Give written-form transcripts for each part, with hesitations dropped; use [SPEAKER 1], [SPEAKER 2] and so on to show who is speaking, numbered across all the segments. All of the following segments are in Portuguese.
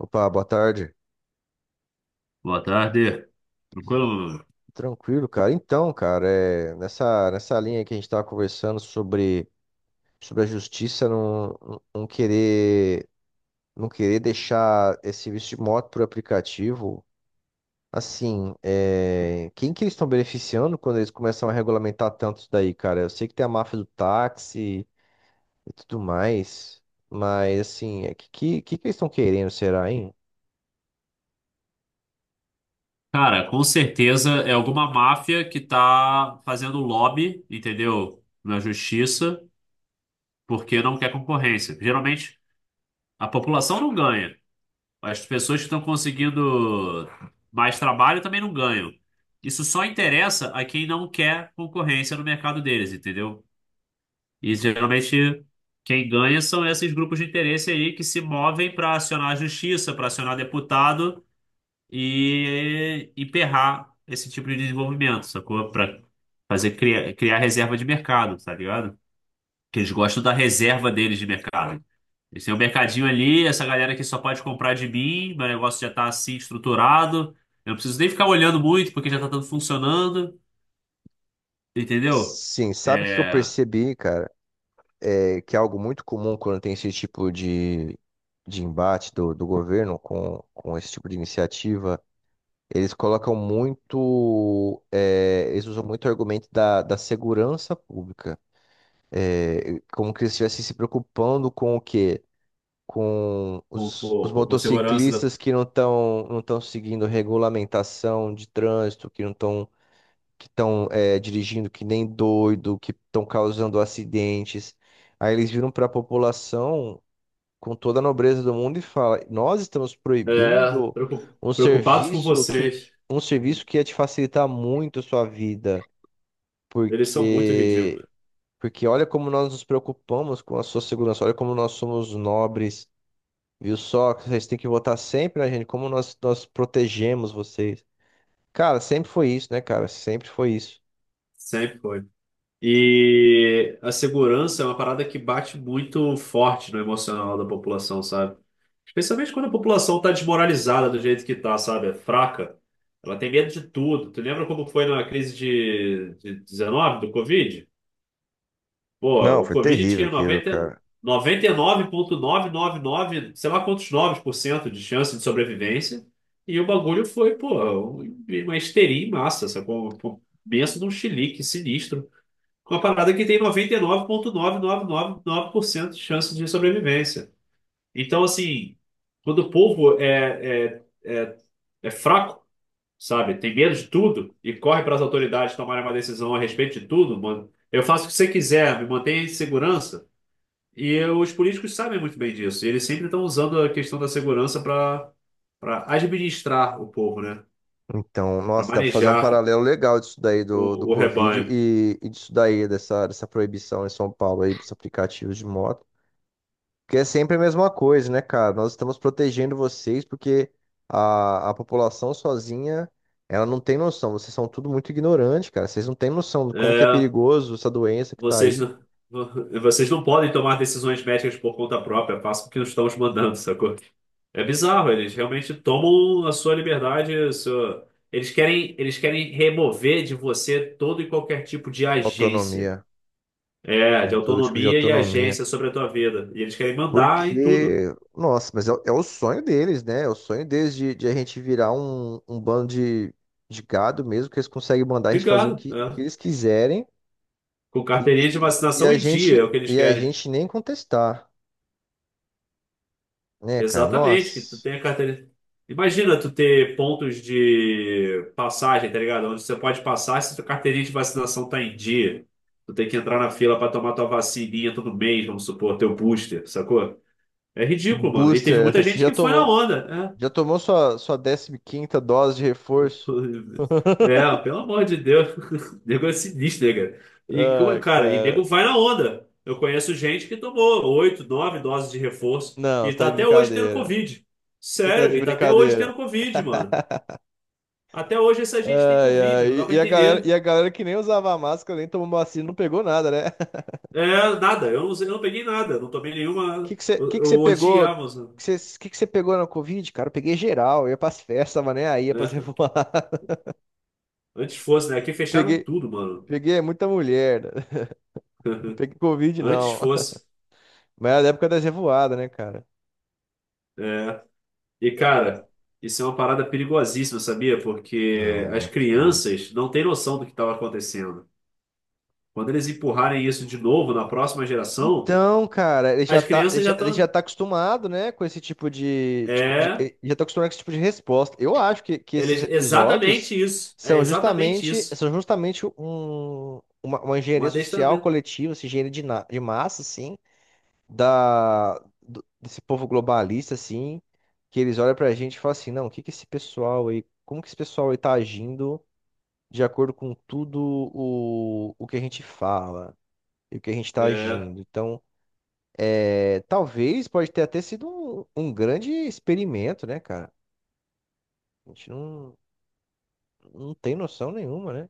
[SPEAKER 1] Opa, boa tarde.
[SPEAKER 2] Boa tarde. Tranquilo?
[SPEAKER 1] Tranquilo, cara. Então, cara, nessa linha que a gente estava conversando sobre a justiça não querer deixar esse serviço de moto por aplicativo, assim, quem que eles estão beneficiando quando eles começam a regulamentar tanto isso daí, cara? Eu sei que tem a máfia do táxi e tudo mais, mas, assim, que eles estão querendo, será, hein?
[SPEAKER 2] Cara, com certeza é alguma máfia que tá fazendo lobby, entendeu? Na justiça, porque não quer concorrência. Geralmente a população não ganha. As pessoas que estão conseguindo mais trabalho também não ganham. Isso só interessa a quem não quer concorrência no mercado deles, entendeu? E geralmente quem ganha são esses grupos de interesse aí que se movem para acionar a justiça, para acionar deputado e emperrar esse tipo de desenvolvimento, sacou? Para fazer criar reserva de mercado, tá ligado? Que eles gostam da reserva deles de mercado. Eles têm um mercadinho ali, essa galera que só pode comprar de mim, meu negócio já tá assim estruturado, eu não preciso nem ficar olhando muito porque já tá tudo funcionando, entendeu?
[SPEAKER 1] Sim, sabe o que que eu
[SPEAKER 2] É,
[SPEAKER 1] percebi, cara? Que é algo muito comum quando tem esse tipo de embate do governo com esse tipo de iniciativa. Eles colocam muito, eles usam muito o argumento da segurança pública. É como que eles estivessem se preocupando com o quê? Com
[SPEAKER 2] com,
[SPEAKER 1] os
[SPEAKER 2] com, com- com segurança, né?
[SPEAKER 1] motociclistas que não estão seguindo regulamentação de trânsito, que estão dirigindo que nem doido, que estão causando acidentes. Aí eles viram para a população com toda a nobreza do mundo e fala: "Nós estamos
[SPEAKER 2] É,
[SPEAKER 1] proibindo um
[SPEAKER 2] preocupados com
[SPEAKER 1] serviço que
[SPEAKER 2] vocês.
[SPEAKER 1] um serviço que ia te facilitar muito a sua vida,
[SPEAKER 2] Eles são muito
[SPEAKER 1] porque
[SPEAKER 2] ridículos.
[SPEAKER 1] olha como nós nos preocupamos com a sua segurança, olha como nós somos nobres, viu só? Vocês têm que votar sempre na gente, como nós protegemos vocês." Cara, sempre foi isso, né, cara? Sempre foi isso.
[SPEAKER 2] Sempre foi. E a segurança é uma parada que bate muito forte no emocional da população, sabe? Especialmente quando a população tá desmoralizada do jeito que tá, sabe? É fraca. Ela tem medo de tudo. Tu lembra como foi na crise de 19 do Covid? Pô,
[SPEAKER 1] Não,
[SPEAKER 2] o
[SPEAKER 1] foi
[SPEAKER 2] Covid
[SPEAKER 1] terrível
[SPEAKER 2] tinha
[SPEAKER 1] aquilo, cara.
[SPEAKER 2] 90, nove sei lá quantos 9% de chance de sobrevivência. E o bagulho foi, pô, uma histeria em massa, sacou? Um penso num chilique sinistro. Uma parada que tem 99,999% de chance de sobrevivência. Então, assim, quando o povo é fraco, sabe? Tem medo de tudo e corre para as autoridades tomarem uma decisão a respeito de tudo, mano. Eu faço o que você quiser, me mantenha em segurança. Os políticos sabem muito bem disso. E eles sempre estão usando a questão da segurança para administrar o povo, né?
[SPEAKER 1] Então,
[SPEAKER 2] Para
[SPEAKER 1] nossa, dá pra fazer um
[SPEAKER 2] manejar
[SPEAKER 1] paralelo legal disso daí do
[SPEAKER 2] o
[SPEAKER 1] Covid
[SPEAKER 2] rebanho.
[SPEAKER 1] e disso daí, dessa proibição em São Paulo aí dos aplicativos de moto. Porque é sempre a mesma coisa, né, cara? Nós estamos protegendo vocês porque a população sozinha, ela não tem noção. Vocês são tudo muito ignorantes, cara. Vocês não têm noção de como que é
[SPEAKER 2] É.
[SPEAKER 1] perigoso essa doença que tá
[SPEAKER 2] Vocês
[SPEAKER 1] aí.
[SPEAKER 2] não, vocês não podem tomar decisões médicas por conta própria, façam o que estão os mandando, sacou? É bizarro, eles realmente tomam a sua liberdade, eles querem remover de você todo e qualquer tipo de agência,
[SPEAKER 1] Autonomia,
[SPEAKER 2] de
[SPEAKER 1] né? Todo tipo de
[SPEAKER 2] autonomia e
[SPEAKER 1] autonomia.
[SPEAKER 2] agência sobre a tua vida. E eles querem mandar em tudo,
[SPEAKER 1] Porque, nossa, é o sonho deles, né? É o sonho deles de a gente virar um bando de gado mesmo, que eles conseguem mandar a gente fazer
[SPEAKER 2] ligado,
[SPEAKER 1] o que
[SPEAKER 2] né?
[SPEAKER 1] eles quiserem
[SPEAKER 2] Com carteirinha de
[SPEAKER 1] e
[SPEAKER 2] vacinação
[SPEAKER 1] a
[SPEAKER 2] em dia,
[SPEAKER 1] gente,
[SPEAKER 2] é o que eles
[SPEAKER 1] e a
[SPEAKER 2] querem.
[SPEAKER 1] gente nem contestar, né, cara?
[SPEAKER 2] Exatamente, que tu
[SPEAKER 1] Nossa.
[SPEAKER 2] tem a carteira. Imagina tu ter pontos de passagem, tá ligado? Onde você pode passar se tua carteirinha de vacinação tá em dia. Tu tem que entrar na fila pra tomar tua vacininha todo mês, vamos supor, teu booster, sacou? É ridículo, mano. E teve
[SPEAKER 1] Booster,
[SPEAKER 2] muita
[SPEAKER 1] você
[SPEAKER 2] gente que foi na onda, né?
[SPEAKER 1] já tomou sua décima quinta dose de reforço?
[SPEAKER 2] É, pelo amor de Deus. Nego é sinistro, né, cara? E,
[SPEAKER 1] Ah,
[SPEAKER 2] cara, e
[SPEAKER 1] cara.
[SPEAKER 2] nego vai na onda. Eu conheço gente que tomou oito, nove doses de reforço
[SPEAKER 1] Não,
[SPEAKER 2] e
[SPEAKER 1] você tá
[SPEAKER 2] tá
[SPEAKER 1] de
[SPEAKER 2] até hoje tendo
[SPEAKER 1] brincadeira.
[SPEAKER 2] Covid.
[SPEAKER 1] Você tá
[SPEAKER 2] Sério,
[SPEAKER 1] de
[SPEAKER 2] e tá até hoje tendo
[SPEAKER 1] brincadeira.
[SPEAKER 2] Covid, mano. Até hoje essa gente tem
[SPEAKER 1] Ai,
[SPEAKER 2] Covid,
[SPEAKER 1] ai.
[SPEAKER 2] não dá
[SPEAKER 1] E
[SPEAKER 2] pra
[SPEAKER 1] e a galera, e
[SPEAKER 2] entender.
[SPEAKER 1] a galera que nem usava máscara, nem tomou vacina, não pegou nada, né?
[SPEAKER 2] É, nada, eu não peguei nada, não tomei
[SPEAKER 1] O que
[SPEAKER 2] nenhuma.
[SPEAKER 1] que você
[SPEAKER 2] Eu, eu
[SPEAKER 1] pegou? O
[SPEAKER 2] odiava, mano.
[SPEAKER 1] que você que que você pegou na Covid, cara? Eu peguei geral, eu ia pras festas, tava nem aí, ia pras
[SPEAKER 2] É,
[SPEAKER 1] revoadas.
[SPEAKER 2] antes fosse, né? Aqui fecharam
[SPEAKER 1] Peguei,
[SPEAKER 2] tudo, mano.
[SPEAKER 1] Peguei muita mulher, né? Não peguei Covid,
[SPEAKER 2] Antes
[SPEAKER 1] não.
[SPEAKER 2] fosse.
[SPEAKER 1] Mas era a época das revoadas, né, cara?
[SPEAKER 2] É. E, cara, isso é uma parada perigosíssima, sabia? Porque
[SPEAKER 1] Não,
[SPEAKER 2] as
[SPEAKER 1] muito, muito.
[SPEAKER 2] crianças não têm noção do que estava acontecendo. Quando eles empurrarem isso de novo na próxima geração,
[SPEAKER 1] Então, cara, ele já
[SPEAKER 2] as
[SPEAKER 1] tá, ele
[SPEAKER 2] crianças já
[SPEAKER 1] já, ele já
[SPEAKER 2] estão.
[SPEAKER 1] tá acostumado, né, com esse tipo
[SPEAKER 2] É,
[SPEAKER 1] ele já tá acostumado com esse tipo de resposta. Eu acho que esses episódios
[SPEAKER 2] exatamente isso. É exatamente isso.
[SPEAKER 1] são justamente uma
[SPEAKER 2] Um
[SPEAKER 1] engenharia social
[SPEAKER 2] adestramento.
[SPEAKER 1] coletiva, assim, de massa, assim, desse povo globalista, assim, que eles olham pra gente e falam assim, não, o que que esse pessoal aí, como que esse pessoal aí tá agindo de acordo com tudo o que a gente fala e o que a gente tá
[SPEAKER 2] É,
[SPEAKER 1] agindo. Então talvez pode ter até sido um grande experimento, né, cara? A gente não, não tem noção nenhuma, né?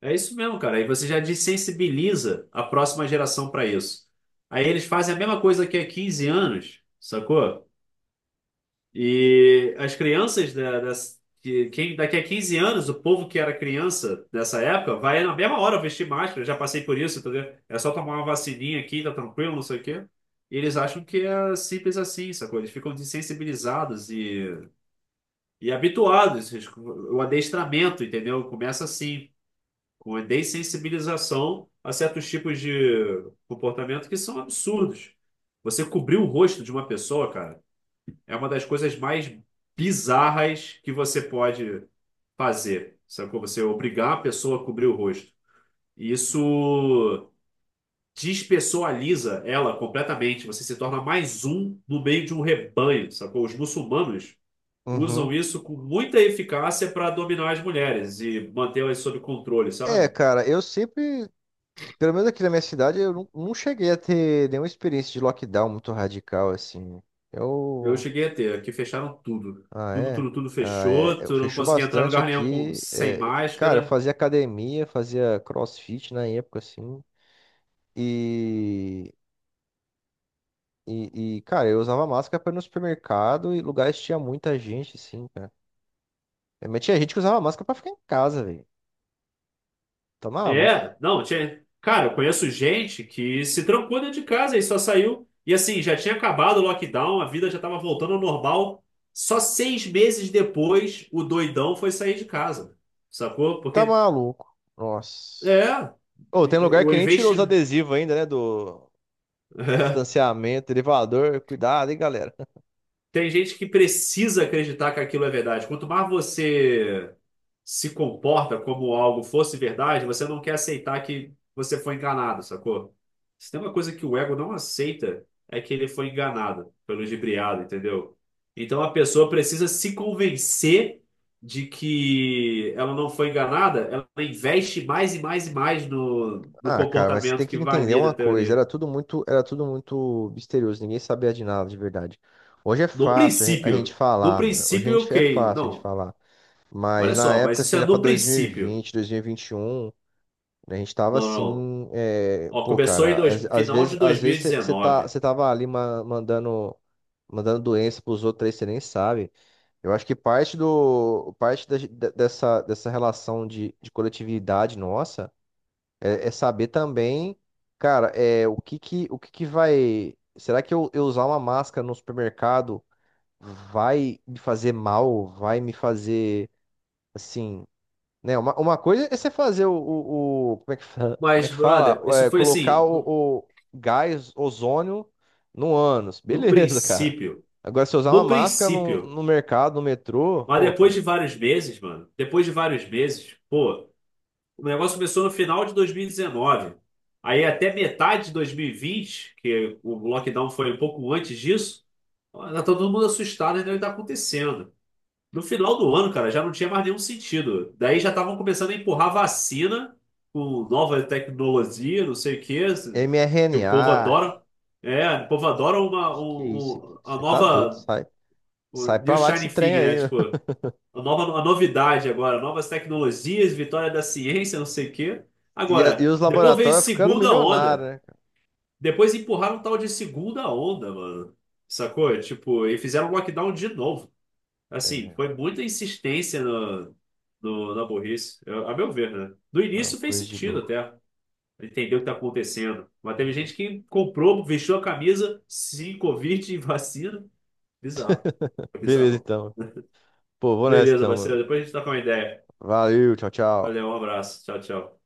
[SPEAKER 2] é isso mesmo, cara. Aí você já desensibiliza a próxima geração para isso. Aí eles fazem a mesma coisa que há 15 anos, sacou? E as crianças da, das- que, quem, daqui a 15 anos, o povo que era criança nessa época, vai na mesma hora vestir máscara. Eu já passei por isso, entendeu? É só tomar uma vacininha aqui, tá tranquilo, não sei o quê. E eles acham que é simples assim, sacou? Eles ficam desensibilizados e habituados. O adestramento, entendeu? Começa assim, com a dessensibilização a certos tipos de comportamento que são absurdos. Você cobrir o rosto de uma pessoa, cara. É uma das coisas mais bizarras que você pode fazer. Sacou? Você obrigar a pessoa a cobrir o rosto. E isso despessoaliza ela completamente. Você se torna mais um no meio de um rebanho, sacou? Os muçulmanos usam
[SPEAKER 1] Uhum.
[SPEAKER 2] isso com muita eficácia para dominar as mulheres e mantê-las sob controle,
[SPEAKER 1] É,
[SPEAKER 2] sabe?
[SPEAKER 1] cara, eu sempre, pelo menos aqui na minha cidade, eu não, não cheguei a ter nenhuma experiência de lockdown muito radical, assim.
[SPEAKER 2] Eu
[SPEAKER 1] Eu.
[SPEAKER 2] cheguei a ter, aqui fecharam tudo.
[SPEAKER 1] Ah,
[SPEAKER 2] Tudo,
[SPEAKER 1] é?
[SPEAKER 2] tudo, tudo
[SPEAKER 1] Ah, é.
[SPEAKER 2] fechou.
[SPEAKER 1] Eu
[SPEAKER 2] Tu não
[SPEAKER 1] fechou
[SPEAKER 2] conseguia entrar em
[SPEAKER 1] bastante
[SPEAKER 2] lugar nenhum com,
[SPEAKER 1] aqui.
[SPEAKER 2] sem
[SPEAKER 1] Cara, eu
[SPEAKER 2] máscara.
[SPEAKER 1] fazia academia, fazia crossfit na época, assim. E. Cara, eu usava máscara para ir no supermercado e lugares que tinha muita gente, assim, cara. Mas tinha gente que usava máscara pra ficar em casa, velho. Tá maluco.
[SPEAKER 2] É, não, tinha. Cara, eu conheço gente que se trancou dentro de casa e só saiu. E assim, já tinha acabado o lockdown, a vida já estava voltando ao normal. Só 6 meses depois, o doidão foi sair de casa. Sacou?
[SPEAKER 1] Tá
[SPEAKER 2] Porque,
[SPEAKER 1] maluco. Nossa.
[SPEAKER 2] é,
[SPEAKER 1] Ô, tem lugar
[SPEAKER 2] o
[SPEAKER 1] que nem tirou os
[SPEAKER 2] investimento.
[SPEAKER 1] adesivos ainda, né? Do distanciamento, elevador. Cuidado, hein, galera.
[SPEAKER 2] Tem gente que precisa acreditar que aquilo é verdade. Quanto mais você se comporta como algo fosse verdade, você não quer aceitar que você foi enganado, sacou? Se tem uma coisa que o ego não aceita, é que ele foi enganado, foi ludibriado, entendeu? Então a pessoa precisa se convencer de que ela não foi enganada, ela investe mais e mais e mais no
[SPEAKER 1] Ah, cara, mas você tem
[SPEAKER 2] comportamento
[SPEAKER 1] que
[SPEAKER 2] que
[SPEAKER 1] entender
[SPEAKER 2] valida
[SPEAKER 1] uma
[SPEAKER 2] a
[SPEAKER 1] coisa.
[SPEAKER 2] teoria.
[SPEAKER 1] Era tudo muito misterioso. Ninguém sabia de nada, de verdade. Hoje é
[SPEAKER 2] No
[SPEAKER 1] fácil a gente
[SPEAKER 2] princípio. No
[SPEAKER 1] falar, mano. Hoje a
[SPEAKER 2] princípio,
[SPEAKER 1] gente é
[SPEAKER 2] ok.
[SPEAKER 1] fácil a gente
[SPEAKER 2] Não,
[SPEAKER 1] falar.
[SPEAKER 2] olha
[SPEAKER 1] Mas na
[SPEAKER 2] só, mas
[SPEAKER 1] época,
[SPEAKER 2] isso
[SPEAKER 1] assim,
[SPEAKER 2] é
[SPEAKER 1] era pra
[SPEAKER 2] no princípio.
[SPEAKER 1] 2020, 2021. A gente tava
[SPEAKER 2] Não, não.
[SPEAKER 1] assim, é,
[SPEAKER 2] Ó,
[SPEAKER 1] pô,
[SPEAKER 2] começou em
[SPEAKER 1] cara,
[SPEAKER 2] dois, final de
[SPEAKER 1] às vezes você
[SPEAKER 2] 2019.
[SPEAKER 1] você tava ali mandando, mandando doença pros outros aí, você nem sabe. Eu acho que parte do, parte da- de- dessa, dessa relação de coletividade nossa é saber também, cara, o que que vai, será que eu usar uma máscara no supermercado vai me fazer mal? Vai me fazer, assim, né? Uma coisa é você fazer como é que fala? Como é
[SPEAKER 2] Mas,
[SPEAKER 1] que
[SPEAKER 2] brother,
[SPEAKER 1] fala?
[SPEAKER 2] isso
[SPEAKER 1] É,
[SPEAKER 2] foi
[SPEAKER 1] colocar
[SPEAKER 2] assim, no,
[SPEAKER 1] o gás ozônio no ânus.
[SPEAKER 2] no
[SPEAKER 1] Beleza, cara.
[SPEAKER 2] princípio.
[SPEAKER 1] Agora, se eu usar uma
[SPEAKER 2] No
[SPEAKER 1] máscara
[SPEAKER 2] princípio.
[SPEAKER 1] no mercado, no metrô,
[SPEAKER 2] Mas
[SPEAKER 1] pô,
[SPEAKER 2] depois
[SPEAKER 1] cara,
[SPEAKER 2] de vários meses, mano, depois de vários meses, pô, o negócio começou no final de 2019. Aí até metade de 2020, que o lockdown foi um pouco antes disso, ó, tá todo mundo assustado, né? O que tá acontecendo? No final do ano, cara, já não tinha mais nenhum sentido. Daí já estavam começando a empurrar vacina com nova tecnologia, não sei o quê, que o povo
[SPEAKER 1] mRNA.
[SPEAKER 2] adora. É, o povo adora uma,
[SPEAKER 1] Que é isso aqui?
[SPEAKER 2] a
[SPEAKER 1] Você tá doido,
[SPEAKER 2] nova,
[SPEAKER 1] sai.
[SPEAKER 2] o
[SPEAKER 1] Sai
[SPEAKER 2] New
[SPEAKER 1] pra lá que
[SPEAKER 2] Shining
[SPEAKER 1] esse trem
[SPEAKER 2] Thing, né?
[SPEAKER 1] aí.
[SPEAKER 2] Tipo, a novidade agora, novas tecnologias, vitória da ciência, não sei o quê.
[SPEAKER 1] E, e
[SPEAKER 2] Agora,
[SPEAKER 1] os
[SPEAKER 2] depois veio
[SPEAKER 1] laboratórios ficando
[SPEAKER 2] segunda onda.
[SPEAKER 1] milionários, né?
[SPEAKER 2] Depois empurraram um tal de segunda onda, mano. Sacou? Tipo, e fizeram lockdown de novo. Assim,
[SPEAKER 1] É,
[SPEAKER 2] foi muita insistência no, no, na burrice, a meu ver, né? No
[SPEAKER 1] não,
[SPEAKER 2] início fez
[SPEAKER 1] coisa de
[SPEAKER 2] sentido
[SPEAKER 1] louco.
[SPEAKER 2] até entender o que tá acontecendo. Mas teve
[SPEAKER 1] Uhum.
[SPEAKER 2] gente que comprou, vestiu a camisa, se Covid e vacina. Bizarro. É
[SPEAKER 1] Beleza,
[SPEAKER 2] bizarro.
[SPEAKER 1] então. Pô, vou nessa
[SPEAKER 2] Beleza,
[SPEAKER 1] então,
[SPEAKER 2] parceiro.
[SPEAKER 1] mano.
[SPEAKER 2] Depois a gente tá com uma ideia.
[SPEAKER 1] Valeu, tchau, tchau.
[SPEAKER 2] Valeu, um abraço. Tchau, tchau.